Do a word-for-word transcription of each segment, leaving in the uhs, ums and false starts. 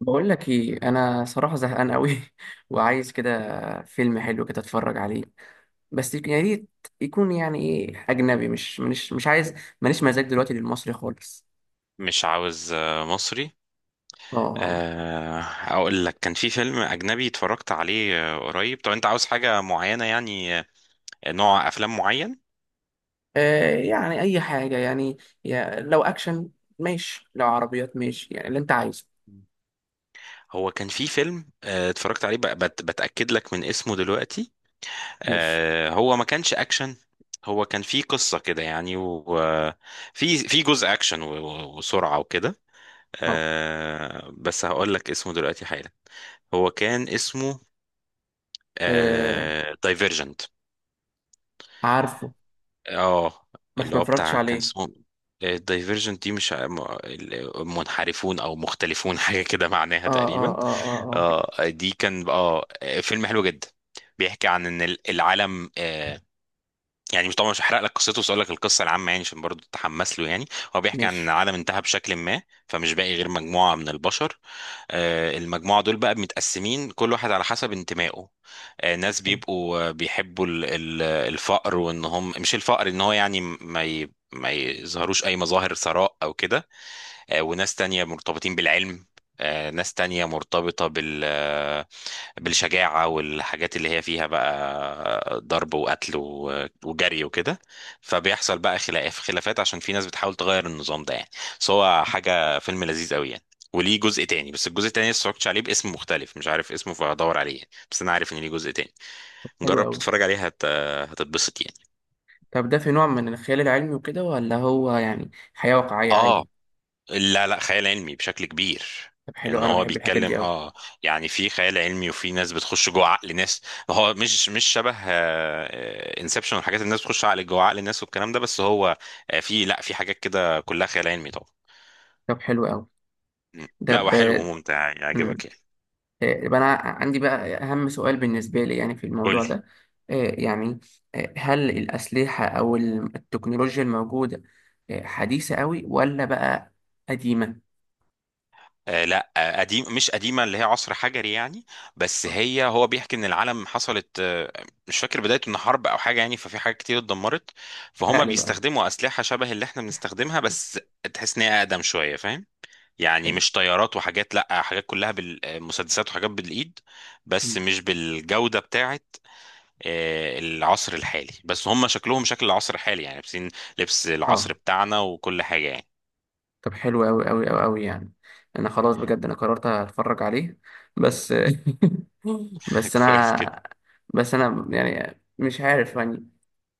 بقول لك ايه. انا صراحه زهقان قوي. وعايز كده فيلم حلو كده اتفرج عليه. بس يك- يا ريت يكون، يعني، ايه، اجنبي. مش مش مش عايز. ماليش مزاج دلوقتي للمصري خالص. مش عاوز آه، مصري. اه. آه، اقول لك كان في فيلم اجنبي اتفرجت عليه آه، قريب. طب انت عاوز حاجة معينة يعني آه، نوع افلام معين. آه، يعني اي حاجه يعني، يا لو اكشن ماشي، لو عربيات ماشي، يعني اللي انت عايزه. هو كان في فيلم آه، اتفرجت عليه بق- بت- بتأكد لك من اسمه دلوقتي. ماشي. آه، هو ما كانش اكشن. هو كان في قصة كده يعني وفي في جزء اكشن و- و- وسرعة وكده. اه. آه، بس هقول لك اسمه دلوقتي حالا. هو كان اسمه آه، دايفيرجنت. عارفه، اه. بس اللي ما هو اتفرجتش بتاع كان عليه. اسمه الدايفرجنت دي مش ع- م- ال- منحرفون او مختلفون حاجه كده معناها اه اه تقريبا. اه اه اه. اه دي كان اه فيلم حلو جدا. بيحكي عن ان ال- العالم آه، يعني مش طبعا مش هحرق لك قصته بس اقول لك القصه العامه يعني عشان برضه تتحمس له يعني. هو بيحكي عن إن ماشي. العالم انتهى بشكل ما. فمش باقي غير مجموعه من البشر. آه، المجموعه دول بقى متقسمين كل واحد على حسب انتمائه. آه، ناس حلو. بيبقوا آه، بيحبوا ال- ال- الفقر وان هم مش الفقر ان هو يعني ما ي... ما يظهروش اي مظاهر ثراء او كده. آه، وناس تانية مرتبطين بالعلم. آه، ناس تانية مرتبطة بال آه، بالشجاعة والحاجات اللي هي فيها بقى ضرب وقتل و- وجري وكده. فبيحصل بقى خلاف خلافات عشان في ناس بتحاول تغير النظام ده يعني. بس هو حاجة فيلم لذيذ قوي يعني. وليه جزء تاني بس الجزء التاني لسه متفرجتش عليه باسم مختلف مش عارف اسمه فهدور عليه يعني. بس انا عارف ان ليه جزء تاني. حلو جرب قوي. تتفرج عليها هت... هتتبسط يعني. طب ده في نوع من الخيال العلمي وكده، ولا هو يعني حياه واقعيه عادي؟ اه، لا لا خيال علمي بشكل كبير. طب حلو ان أوي، انا هو بحب الحاجات دي بيتكلم قوي. اه يعني في خيال علمي وفي ناس بتخش جوه عقل ناس. هو مش مش شبه انسبشن والحاجات اللي الناس بتخش عقل جوه عقل الناس والكلام ده بس هو آه، في لا في حاجات كده كلها خيال علمي طبعا. طب حلو قوي. مم. ده لا ب... وحلو وممتع مم. يعجبك يعني. آه، يبقى انا عندي بقى اهم سؤال بالنسبه لي يعني في قول الموضوع لي. ده. آه، يعني آه، هل الاسلحه او ال- التكنولوجيا الموجوده آه، حديثه قوي، ولا بقى قديمه؟ آه لا آه قديم مش قديمة اللي هي عصر حجري يعني. بس آه، هي هو بيحكي ان العالم حصلت آه مش فاكر بدايته ان حرب او حاجة يعني ففي حاجات كتير اتدمرت. احرق فهم لي بقى. بيستخدموا أسلحة شبه اللي احنا بنستخدمها بس تحس ان هي أقدم شوية فاهم. يعني حلو. مش طيارات وحاجات لا حاجات كلها بالمسدسات وحاجات بالإيد بس مم. مش بالجودة بتاعت آه، العصر الحالي بس هم شكلهم شكل العصر الحالي يعني لابسين لبس العصر اه. بتاعنا وكل حاجة يعني. طب حلو قوي قوي قوي قوي يعني، انا خلاص بجد انا قررت اتفرج عليه. بس بس كويس انا، كده. بس انا يعني مش عارف يعني.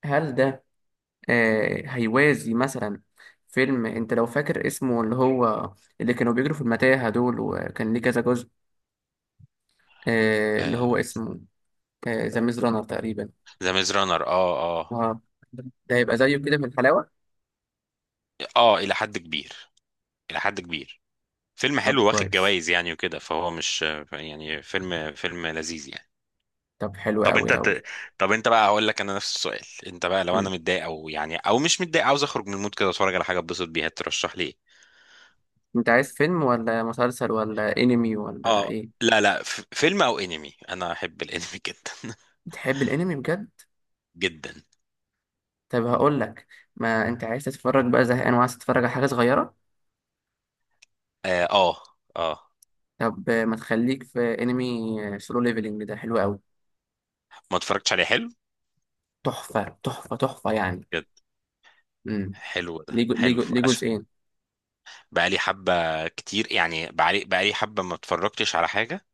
هل ده آه، هيوازي مثلا فيلم انت لو فاكر اسمه، اللي هو اللي كانوا بيجروا في المتاهة دول، وكان ليه كذا جزء، آه، اللي هو اسمه ذا ميز رانر تقريبا. ذا ميز رانر اه The Maze Runner، اه آه. اه. ده هيبقى زيه كده من الحلاوة؟ اه الى حد كبير الى حد كبير. فيلم طب حلو واخد كويس. جوائز يعني وكده فهو مش يعني فيلم فيلم لذيذ يعني. طب حلو طب قوي انت قوي. ت... طب انت بقى هقول لك انا نفس السؤال. انت بقى لو انا مم. متضايق او يعني او مش متضايق عاوز اخرج من المود كده اتفرج على حاجه اتبسط بيها ترشح لي ايه؟ انت عايز فيلم ولا مسلسل ولا انمي ولا اه ايه؟ لا لا ف... فيلم او انمي انا احب الانمي جدا بتحب الانمي بجد؟ جدا. طب هقول لك، ما انت عايز تتفرج بقى، زهقان وعايز تتفرج على حاجة صغيرة. اه اه آه. طب آه، ما تخليك في انمي سولو ليفلنج، ده حلو قوي. ما اتفرجتش عليه، حلو؟ تحفة تحفة تحفة يعني. بجد. امم. حلو ده ليه جو- ليه حلو جو- ليه عشان جزئين؟ بقالي حبه كتير يعني، بقالي بقالي حبه ما اتفرجتش على حاجه.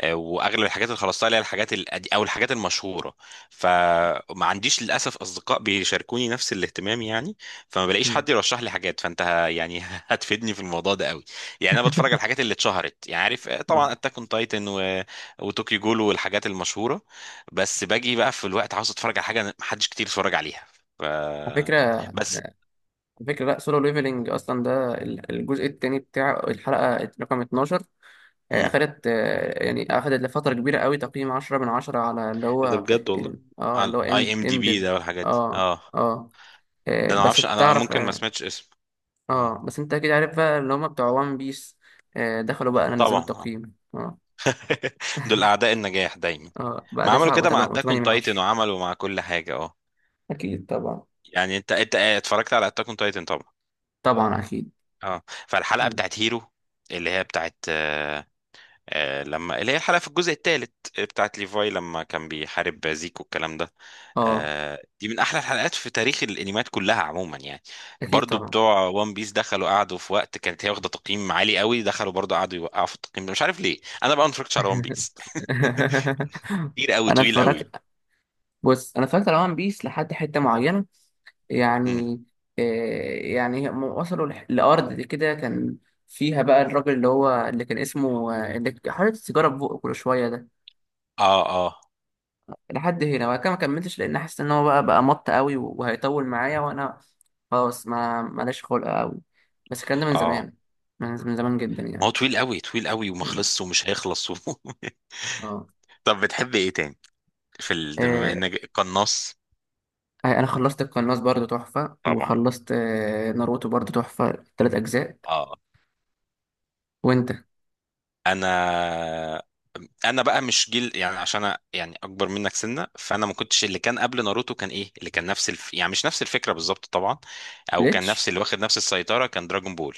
آه، واغلب الحاجات اللي خلصتها اللي هي الحاجات القدي- او الحاجات المشهوره. فما عنديش للاسف اصدقاء بيشاركوني نفس الاهتمام يعني. فما بلاقيش مم. حد يرشح لي حاجات فانت ه- يعني هتفيدني في الموضوع ده قوي. يعني انا بتفرج على الحاجات اللي اتشهرت يعني عارف آه، يلا. طبعا اتاك اون تايتن و... وتوكيو جول والحاجات المشهوره. بس باجي بقى في الوقت عاوز اتفرج على حاجه محدش كتير اتفرج عليها. ف... على فكرة، على بس. فكرة لا سولو ليفلنج أصلا ده ال- الجزء التاني بتاع الحلقة رقم اتناشر. آه، مم. أخدت، آه، يعني أخدت لفترة كبيرة قوي تقييم عشرة من عشرة على اللي إيه ده هو بجد والله. ال... اه على اللي هو اي ام ام دي ام ديف. بي ده والحاجات دي اه. اه. اه. آه، ده انا ما بس اعرفش انا تعرف. ممكن ما اه. سمعتش اسمه. اه آه، بس انت اكيد عارف بقى، اللي هما بتوع وان بيس دخلوا بقى أنا نزلوا طبعا اه. التقييم. اه. دول اعداء النجاح دايما. اه بقى ما عملوا تسعة كده مع و8 اتاك اون من تايتن عشرة. وعملوا مع كل حاجه اه. اكيد طبعا. يعني انت انت اتفرجت على اتاك اون تايتن طبعا. طبعا اكيد. اه. فالحلقه مم. بتاعت هيرو اللي هي بتاعت آه آه لما اللي هي الحلقه في الجزء الثالث بتاعت ليفاي لما كان بيحارب زيكو الكلام ده. اه. آه دي من احلى الحلقات في تاريخ الانميات كلها عموما يعني. اكيد برضو طبعا. بتوع وان بيس دخلوا قعدوا في وقت كانت هي واخده تقييم عالي قوي دخلوا برضو قعدوا يوقعوا في التقييم ده مش عارف ليه انا بقى ما اتفرجتش على وان بيس. كتير قوي انا طويل قوي. اتفرجت بص انا اتفرجت على وان بيس لحد حته معينه يعني. آه، يعني هم وصلوا لح- لارض كده كان فيها بقى الراجل اللي هو اللي كان اسمه، آه، اللي ك- حاطط السيجاره في بقه كل شويه ده، اه اه لحد هنا وبعد كده ما كملتش، لان حاسس ان هو بقى بقى مط قوي و- وهيطول معايا، وانا خلاص ما ماليش خلق قوي. بس الكلام ده من اه. زمان، من من زمان جدا ما هو يعني. طويل قوي طويل قوي وما مم. خلصش ومش هيخلص و... طب بتحب ايه تاني؟ في ال... بما اه. انك قناص. آه، انا خلصت القناص برضو تحفة، طبعا وخلصت آه، ناروتو برضو تحفة تلات اجزاء. اه. وانت؟ انا انا بقى مش جيل يعني عشان انا يعني اكبر منك سنه فانا ما كنتش اللي كان قبل ناروتو كان ايه اللي كان نفس الف... يعني مش نفس الفكره بالظبط طبعا. او كان بليتش. نفس اللي واخد نفس السيطره كان دراجون بول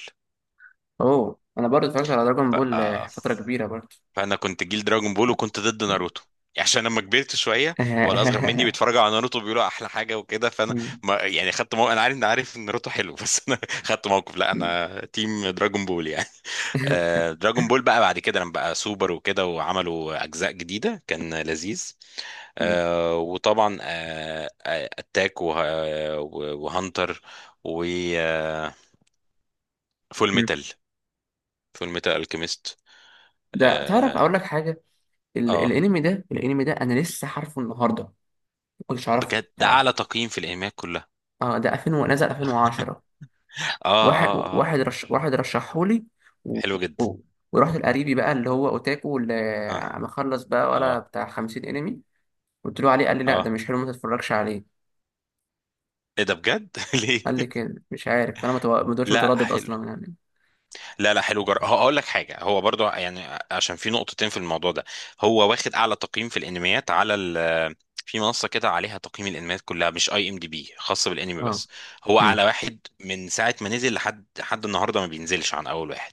اوه، انا برضو اتفرجت على دراجون بول بقى. آه، فترة كبيرة برضو. فانا كنت جيل دراجون بول وكنت ضد ناروتو. يعني عشان لما كبرت شويه بقى الاصغر مني بيتفرجوا على ناروتو بيقولوا احلى حاجه وكده فانا ما يعني خدت موقف. انا عارف ان عارف ان ناروتو حلو بس انا خدت موقف لا انا تيم دراجون بول يعني آه، دراجون بول بقى بعد كده لما بقى سوبر وكده وعملوا اجزاء جديده كان لذيذ. آه، وطبعا آه، آه، اتاك وه- وهانتر وفول ميتال فول ميتال الكيميست. ده تعرف اه اقول لك حاجة. ال- آه. الانمي ده الانمي ده انا لسه عارفه النهاردة، ما كنتش اعرفه. بجد ده تعال. اعلى تقييم في الايميات كلها. اه، ده ألفين و- نزل ألفين وعشرة. اه واحد اه اه. واحد رش واحد رشحهولي. و... حلو جدا. و... ورحت لقريبي بقى اللي هو اوتاكو، اه اللي مخلص بقى اه ولا بتاع خمسين انمي. قلت له عليه، قال لي لا ده اه. مش حلو، ما تتفرجش عليه. ايه ده بجد ليه؟ قال لي كده مش عارف، فانا ما تو- ما دوتش لا متردد حلو. اصلا يعني. لا لا حلو جر... هقول لك حاجه. هو برضو يعني عشان في نقطتين في الموضوع ده. هو واخد اعلى تقييم في الانميات على ال... في منصه كده عليها تقييم الانميات كلها مش اي ام دي بي خاصه بالانمي اه. بس. هو امم. اعلى واحد من ساعه ما نزل لحد لحد النهارده ما بينزلش عن اول واحد.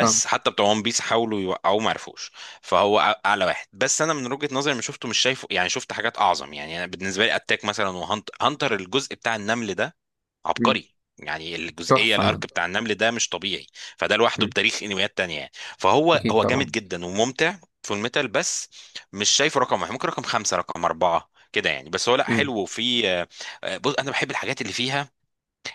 اه. حتى بتوع ون بيس حاولوا يوقعوه ما عرفوش. فهو أع- اعلى واحد بس انا من وجهه نظري ما شفته مش شايفه يعني شفت حاجات اعظم يعني انا بالنسبه لي اتاك مثلا وهانتر هانتر الجزء بتاع النمل ده امم. عبقري يعني الجزئيه تحفه ده. الارك بتاع النمل ده مش طبيعي. فده لوحده امم. بتاريخ انميات تانية يعني. فهو اكيد هو جامد طبعا. جدا وممتع. في الميتال بس مش شايفه رقم واحد ممكن رقم خمسة رقم أربعة كده يعني بس هو لا امم. حلو وفي آه، آه، بص انا بحب الحاجات اللي فيها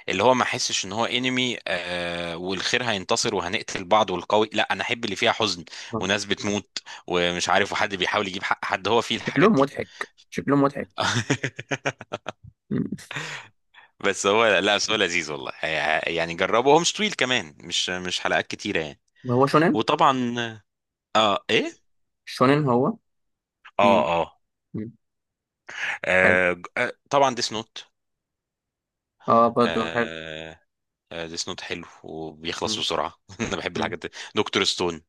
اللي هو ما احسش ان هو انمي آه، والخير هينتصر وهنقتل بعض والقوي لا انا احب اللي فيها حزن طبعاً. وناس بتموت ومش عارف وحد بيحاول يجيب حق حد هو فيه الحاجات شكلهم دي. مضحك، شكلهم مضحك. مم. بس هو لا بس هو لذيذ والله. يعني جربه هو مش طويل كمان مش مش حلقات كتيرة يعني. هو شونين. وطبعا اه ايه. شونين هو. في. اه اه, مم. حلو. آه ج- آه، طبعا ديس نوت. اه برضه حلو. آه آه ديس نوت حلو وبيخلص مم. بسرعة انا بحب مم. الحاجات دي. دكتور ستون.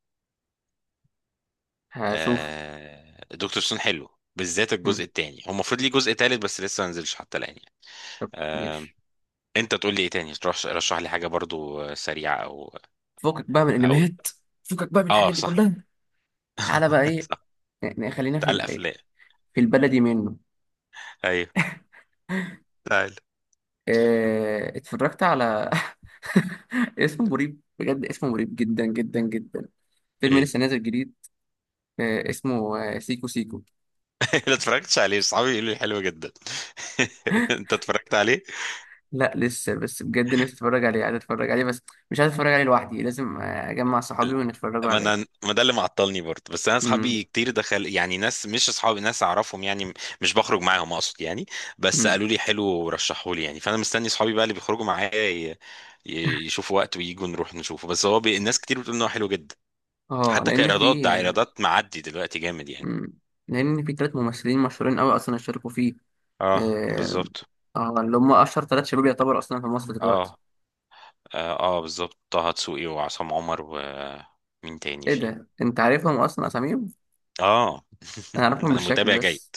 هشوف. آه دكتور ستون حلو. بالذات مم. الجزء التاني هو المفروض ليه جزء تالت بس لسه ما نزلش حتى الآن يعني. آه. ماشي. انت تقول لي ايه تاني تروح رشح لي حاجة برضو آه، سريعة او. فكك بقى من او. الانميات، فكك بقى من اه الحاجات دي صح. كلها. تعالى بقى ايه. صح. يعني خلينا في تعال ال- الافلام. في البلدي منه. ايوه تعال. آه، اتفرجت على اسمه مريب، بجد اسمه مريب جدا جدا جدا، فيلم ايه. لسه نازل جديد، آه، اسمه آه، سيكو سيكو. لا اتفرجتش عليه صحابي يقولوا لي حلو جدا. انت اتفرجت عليه؟ لا لسه، بس بجد نفسي اتفرج عليه، عايز اتفرج عليه بس مش عايز اتفرج عليه لوحدي، لازم آه، اجمع صحابي ونتفرجوا ما انا عليه. ما ده اللي معطلني برضه بس انا امم. اصحابي كتير دخل يعني ناس مش اصحابي ناس اعرفهم يعني. مش بخرج معاهم اقصد يعني. بس امم. قالوا لي حلو ورشحوا لي يعني فانا مستني اصحابي بقى اللي بيخرجوا معايا ي- ي- يشوفوا وقت وييجوا نروح نشوفه بس هو بي... الناس كتير بتقول ان هو حلو جدا. اه حتى لان كايرادات ده في ايرادات معدي دلوقتي جامد يعني. امم لان في ثلاث ممثلين مشهورين قوي اصلا اشتركوا فيه. اه اه. بالظبط. آه، اللي هم اشهر ثلاث شباب يعتبر اصلا في مصر دلوقتي. اه اه, آه بالظبط طه دسوقي وعصام عمر ومين تاني ايه فيه؟ ده، انت عارفهم اصلا اساميهم؟ اه انا اعرفهم انا بالشكل متابع جيد. بس.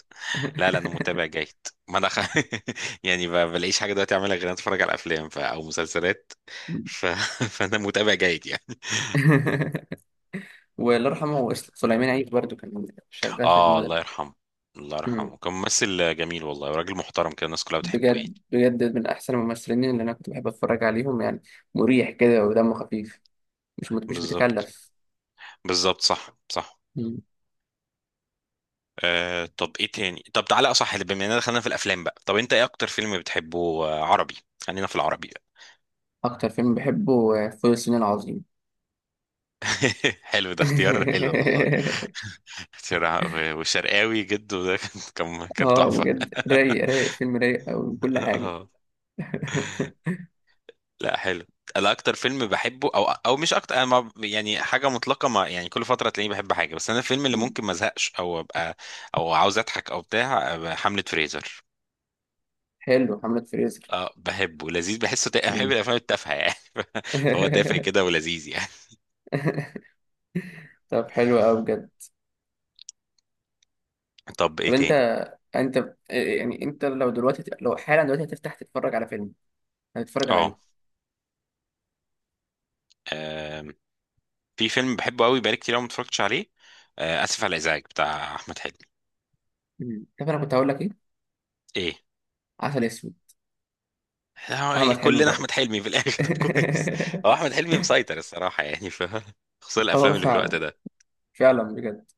لا لا انا متابع جيد. ما انا خ... يعني ما بلاقيش حاجه دلوقتي اعملها غير إن أنا اتفرج على افلام ف... او مسلسلات. ف... فانا متابع جيد يعني. والله يرحمه، وإس- سليمان عيد برضو كان شغال في اه الله المدرسة. يرحمه. الله مم. يرحمه كان ممثل جميل والله وراجل محترم كده الناس كلها بتحبه بجد يعني. بجد من احسن الممثلين اللي انا كنت بحب اتفرج عليهم يعني. مريح كده ودمه خفيف، مش مش بالظبط. بتكلف. بالظبط صح صح. مم. آه طب ايه تاني؟ طب تعالى اصح اللي بما اننا دخلنا في الافلام بقى طب انت ايه اكتر فيلم بتحبه؟ آه، عربي. خلينا في العربي. اكتر فيلم بحبه آه، فول الصين العظيم. حلو ده اختيار حلو والله. شرع- و- والشرقاوي جده ده كان كان كان اه تحفة. بجد، رايق رايق فيلم رايق أوي من كل حاجة. اه لا حلو. انا اكتر فيلم بحبه او او مش اكتر انا ما- يعني حاجه مطلقه ما يعني كل فتره تلاقيني بحب حاجه بس انا الفيلم اللي مم. ممكن ما ازهقش او ابقى او عاوز اضحك او بتاع أبقى حمله فريزر. حلو حملة فريزر. اه بحبه لذيذ بحسه تا... أنا بحب مم. الافلام التافهه يعني فهو تافه كده ولذيذ يعني. طب حلو أوي بجد. طب ايه طب انت تاني؟ انت يعني انت لو دلوقتي لو حالا دلوقتي هتفتح تتفرج على فيلم، هتتفرج على ايه؟ اه في فيلم بحبه قوي بقالي كتير قوي ما اتفرجتش عليه. آه، اسف على الازعاج بتاع احمد حلمي. مم. طب انا كنت هقول لك ايه؟ ايه؟ عسل اسود. هو احمد حلمي كلنا احمد برضه. حلمي في الاخر طب كويس. هو احمد حلمي مسيطر الصراحه يعني في. خصوصا اه الافلام اللي في الوقت فعلا. ده. فعلا بجد.